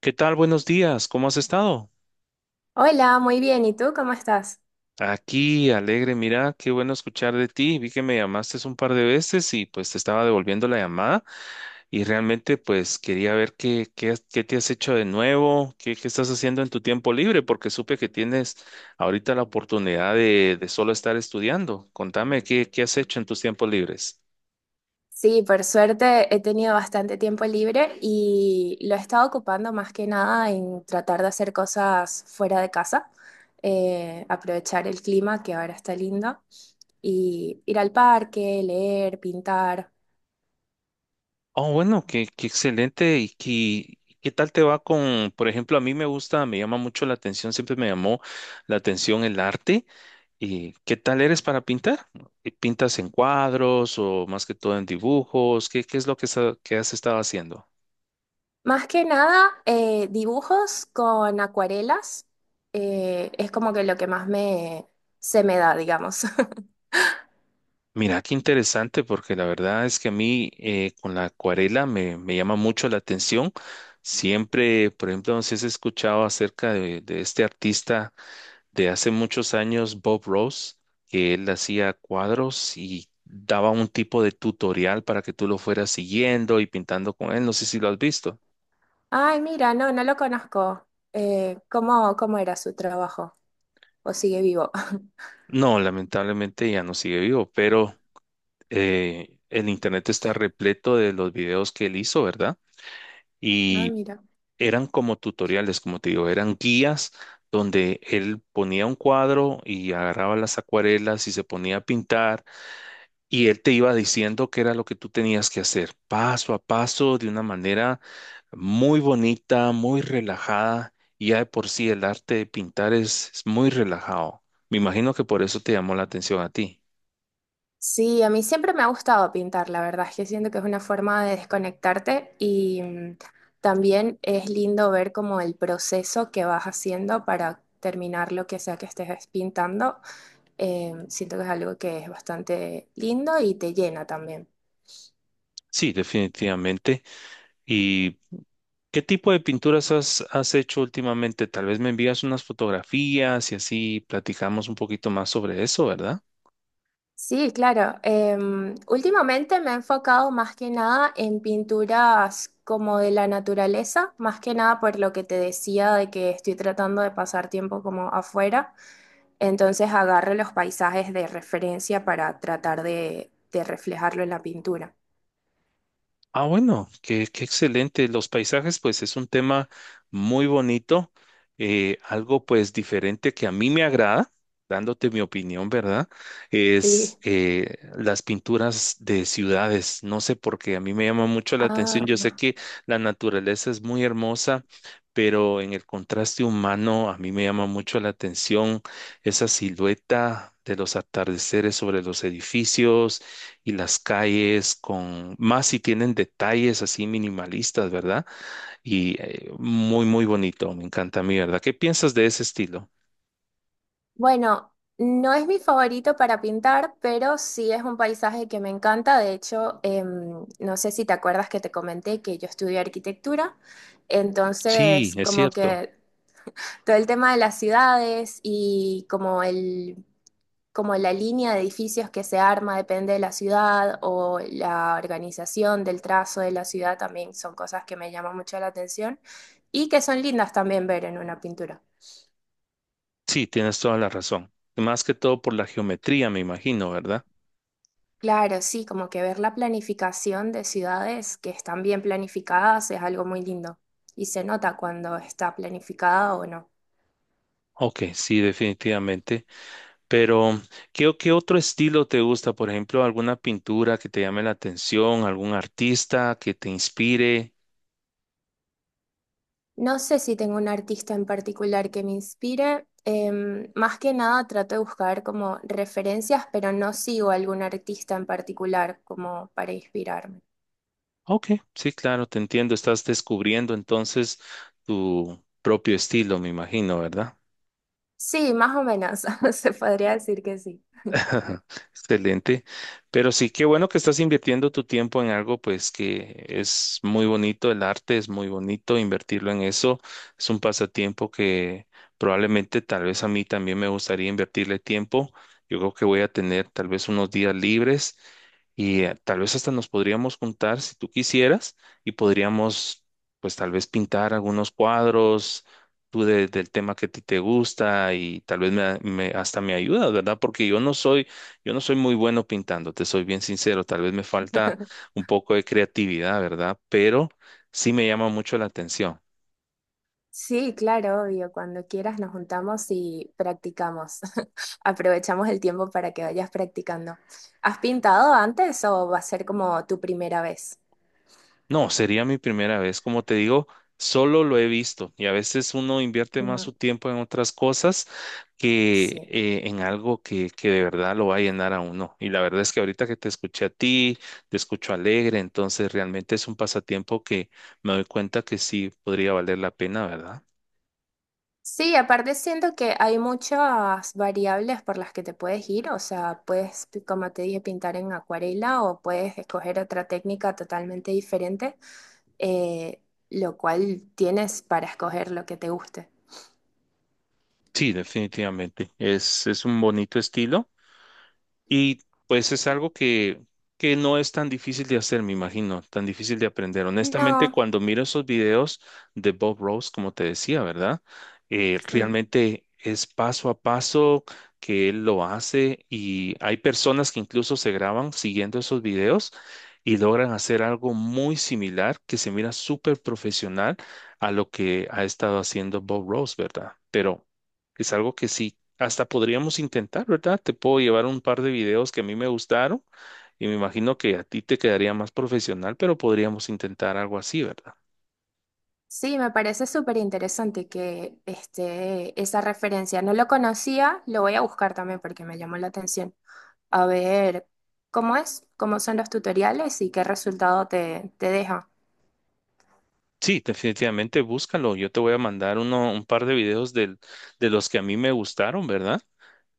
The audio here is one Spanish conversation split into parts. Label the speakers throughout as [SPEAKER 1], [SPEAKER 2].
[SPEAKER 1] ¿Qué tal? Buenos días. ¿Cómo has estado?
[SPEAKER 2] Hola, muy bien. ¿Y tú cómo estás?
[SPEAKER 1] Aquí, alegre. Mira, qué bueno escuchar de ti. Vi que me llamaste un par de veces y pues te estaba devolviendo la llamada y realmente pues quería ver qué te has hecho de nuevo, qué estás haciendo en tu tiempo libre, porque supe que tienes ahorita la oportunidad de solo estar estudiando. Contame, ¿ qué has hecho en tus tiempos libres?
[SPEAKER 2] Sí, por suerte he tenido bastante tiempo libre y lo he estado ocupando más que nada en tratar de hacer cosas fuera de casa, aprovechar el clima que ahora está lindo y ir al parque, leer, pintar.
[SPEAKER 1] Oh, bueno, qué excelente. ¿Y qué tal te va con, por ejemplo, a mí me gusta, me llama mucho la atención, siempre me llamó la atención el arte? ¿Y qué tal eres para pintar? ¿Y ¿Pintas en cuadros o más que todo en dibujos? ¿ qué es lo que, que has estado haciendo?
[SPEAKER 2] Más que nada, dibujos con acuarelas, es como que lo que más se me da, digamos.
[SPEAKER 1] Mira, qué interesante, porque la verdad es que a mí con la acuarela me llama mucho la atención. Siempre, por ejemplo, no sé si has escuchado acerca de este artista de hace muchos años, Bob Ross, que él hacía cuadros y daba un tipo de tutorial para que tú lo fueras siguiendo y pintando con él. No sé si lo has visto.
[SPEAKER 2] Ay, mira, no, no lo conozco. ¿Cómo, cómo era su trabajo? ¿O sigue vivo?
[SPEAKER 1] No, lamentablemente ya no sigue vivo, pero el internet está repleto de los videos que él hizo, ¿verdad?
[SPEAKER 2] Ah,
[SPEAKER 1] Y
[SPEAKER 2] mira.
[SPEAKER 1] eran como tutoriales, como te digo, eran guías donde él ponía un cuadro y agarraba las acuarelas y se ponía a pintar y él te iba diciendo qué era lo que tú tenías que hacer, paso a paso, de una manera muy bonita, muy relajada. Y ya de por sí el arte de pintar es muy relajado. Me imagino que por eso te llamó la atención a ti.
[SPEAKER 2] Sí, a mí siempre me ha gustado pintar, la verdad es que siento que es una forma de desconectarte y también es lindo ver como el proceso que vas haciendo para terminar lo que sea que estés pintando. Siento que es algo que es bastante lindo y te llena también.
[SPEAKER 1] Sí, definitivamente. ¿Y qué tipo de pinturas has hecho últimamente? Tal vez me envías unas fotografías y así platicamos un poquito más sobre eso, ¿verdad?
[SPEAKER 2] Sí, claro. Em, últimamente me he enfocado más que nada en pinturas como de la naturaleza, más que nada por lo que te decía de que estoy tratando de pasar tiempo como afuera. Entonces agarro los paisajes de referencia para tratar de reflejarlo en la pintura.
[SPEAKER 1] Ah, bueno, qué excelente. Los paisajes, pues es un tema muy bonito, algo pues diferente que a mí me agrada, dándote mi opinión, ¿verdad?
[SPEAKER 2] Sí.
[SPEAKER 1] Es las pinturas de ciudades. No sé por qué, a mí me llama mucho la atención. Yo
[SPEAKER 2] Ah.
[SPEAKER 1] sé que la naturaleza es muy hermosa, pero en el contraste humano a mí me llama mucho la atención esa silueta de los atardeceres sobre los edificios y las calles con, más si tienen detalles así minimalistas, ¿verdad? Y muy, muy bonito, me encanta a mí, ¿verdad? ¿Qué piensas de ese estilo?
[SPEAKER 2] Bueno, no es mi favorito para pintar, pero sí es un paisaje que me encanta. De hecho, em, no sé si te acuerdas que te comenté que yo estudié arquitectura.
[SPEAKER 1] Sí,
[SPEAKER 2] Entonces,
[SPEAKER 1] es
[SPEAKER 2] como
[SPEAKER 1] cierto.
[SPEAKER 2] que todo el tema de las ciudades y como la línea de edificios que se arma depende de la ciudad o la organización del trazo de la ciudad también son cosas que me llaman mucho la atención y que son lindas también ver en una pintura.
[SPEAKER 1] Sí, tienes toda la razón. Más que todo por la geometría, me imagino, ¿verdad?
[SPEAKER 2] Claro, sí, como que ver la planificación de ciudades que están bien planificadas es algo muy lindo y se nota cuando está planificada o no.
[SPEAKER 1] Ok, sí, definitivamente. Pero, ¿ qué otro estilo te gusta? Por ejemplo, alguna pintura que te llame la atención, algún artista que te inspire.
[SPEAKER 2] No sé si tengo un artista en particular que me inspire. Em, más que nada trato de buscar como referencias, pero no sigo algún artista en particular como para inspirarme.
[SPEAKER 1] Ok, sí, claro, te entiendo. Estás descubriendo entonces tu propio estilo, me imagino, ¿verdad?
[SPEAKER 2] Sí, más o menos, se podría decir que sí.
[SPEAKER 1] Excelente. Pero sí, qué bueno que estás invirtiendo tu tiempo en algo, pues que es muy bonito, el arte es muy bonito, invertirlo en eso es un pasatiempo que probablemente tal vez a mí también me gustaría invertirle tiempo. Yo creo que voy a tener tal vez unos días libres y tal vez hasta nos podríamos juntar si tú quisieras y podríamos, pues tal vez pintar algunos cuadros, tú del tema que a ti te gusta y tal vez hasta me ayudas, ¿verdad? Porque yo no soy muy bueno pintando, te soy bien sincero, tal vez me falta un poco de creatividad, ¿verdad? Pero sí me llama mucho la atención.
[SPEAKER 2] Sí, claro, obvio. Cuando quieras nos juntamos y practicamos. Aprovechamos el tiempo para que vayas practicando. ¿Has pintado antes o va a ser como tu primera vez?
[SPEAKER 1] No, sería mi primera vez. Como te digo, solo lo he visto y a veces uno invierte
[SPEAKER 2] Ujú.
[SPEAKER 1] más su tiempo en otras cosas que
[SPEAKER 2] Sí.
[SPEAKER 1] en algo que de verdad lo va a llenar a uno. Y la verdad es que ahorita que te escuché a ti, te escucho alegre, entonces realmente es un pasatiempo que me doy cuenta que sí podría valer la pena, ¿verdad?
[SPEAKER 2] Sí, aparte siento que hay muchas variables por las que te puedes ir. O sea, puedes, como te dije, pintar en acuarela o puedes escoger otra técnica totalmente diferente, eh, lo cual tienes para escoger lo que te guste.
[SPEAKER 1] Sí, definitivamente. Es un bonito estilo. Y pues es algo que no es tan difícil de hacer, me imagino, tan difícil de aprender. Honestamente,
[SPEAKER 2] No.
[SPEAKER 1] cuando miro esos videos de Bob Ross, como te decía, ¿verdad?
[SPEAKER 2] Sí.
[SPEAKER 1] Realmente es paso a paso que él lo hace y hay personas que incluso se graban siguiendo esos videos y logran hacer algo muy similar que se mira súper profesional a lo que ha estado haciendo Bob Ross, ¿verdad? Pero es algo que sí hasta podríamos intentar, ¿verdad? Te puedo llevar un par de videos que a mí me gustaron y me imagino que a ti te quedaría más profesional, pero podríamos intentar algo así, ¿verdad?
[SPEAKER 2] Sí, me parece súper interesante esa referencia. No lo conocía, lo voy a buscar también porque me llamó la atención. A ver cómo es, cómo son los tutoriales y qué resultado te deja.
[SPEAKER 1] Sí, definitivamente búscalo. Yo te voy a mandar uno, un par de videos de los que a mí me gustaron, ¿verdad?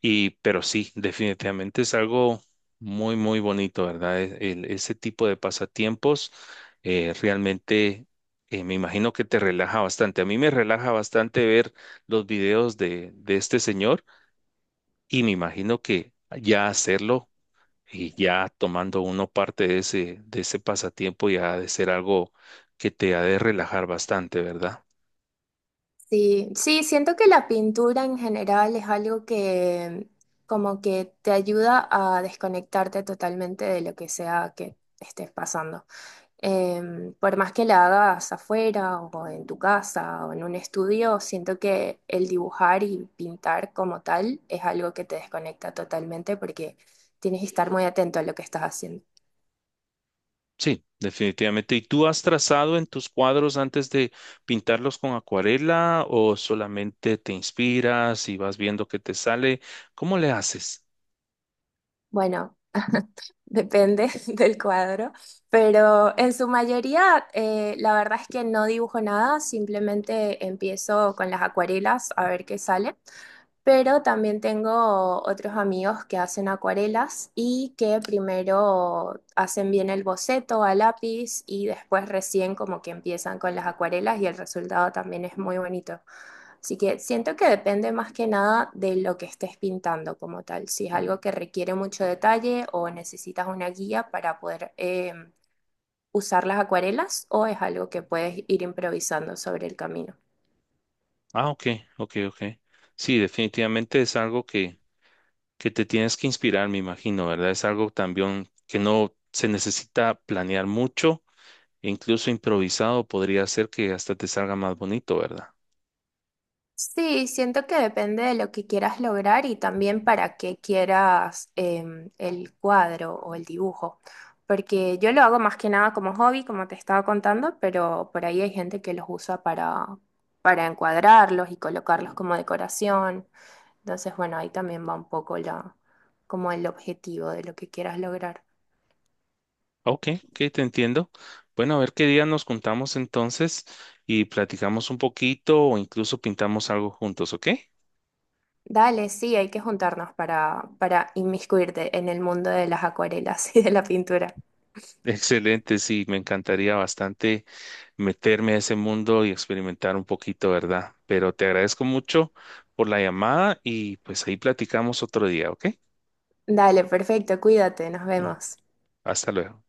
[SPEAKER 1] Y, pero sí, definitivamente es algo muy, muy bonito, ¿verdad? Ese tipo de pasatiempos realmente me imagino que te relaja bastante. A mí me relaja bastante ver los videos de este señor y me imagino que ya hacerlo y ya tomando uno parte de ese pasatiempo ya ha de ser algo que te ha de relajar bastante, ¿verdad?
[SPEAKER 2] Sí, sí, siento que la pintura en general es algo que como que te ayuda a desconectarte totalmente de lo que sea que estés pasando. Em, por más que la hagas afuera o en tu casa o en un estudio, siento que el dibujar y pintar como tal es algo que te desconecta totalmente porque tienes que estar muy atento a lo que estás haciendo.
[SPEAKER 1] Sí, definitivamente. ¿Y tú has trazado en tus cuadros antes de pintarlos con acuarela o solamente te inspiras y vas viendo qué te sale? ¿Cómo le haces?
[SPEAKER 2] Bueno, depende del cuadro, pero en su mayoría la verdad es que no dibujo nada, simplemente empiezo con las acuarelas a ver qué sale. Pero también tengo otros amigos que hacen acuarelas y que primero hacen bien el boceto a lápiz y después recién como que empiezan con las acuarelas y el resultado también es muy bonito. Así que siento que depende más que nada de lo que estés pintando como tal, si es algo que requiere mucho detalle o necesitas una guía para poder usar las acuarelas o es algo que puedes ir improvisando sobre el camino.
[SPEAKER 1] Ah, ok, ok, ok. Sí, definitivamente es algo que te tienes que inspirar, me imagino, ¿verdad? Es algo también que no se necesita planear mucho, e incluso improvisado podría ser que hasta te salga más bonito, ¿verdad?
[SPEAKER 2] Sí, siento que depende de lo que quieras lograr y también para qué quieras em, el cuadro o el dibujo. Porque yo lo hago más que nada como hobby, como te estaba contando, pero por ahí hay gente que los usa para encuadrarlos y colocarlos como decoración. Entonces, bueno, ahí también va como el objetivo de lo que quieras lograr.
[SPEAKER 1] Ok, ok, te entiendo. Bueno, a ver qué día nos juntamos entonces y platicamos un poquito o incluso pintamos algo juntos, ¿ok?
[SPEAKER 2] Dale, sí, hay que juntarnos para inmiscuirte en el mundo de las acuarelas y de la pintura.
[SPEAKER 1] Excelente, sí, me encantaría bastante meterme a ese mundo y experimentar un poquito, ¿verdad? Pero te agradezco mucho por la llamada y pues ahí platicamos otro día, ¿ok?
[SPEAKER 2] Dale, perfecto, cuídate, nos vemos.
[SPEAKER 1] Hasta luego.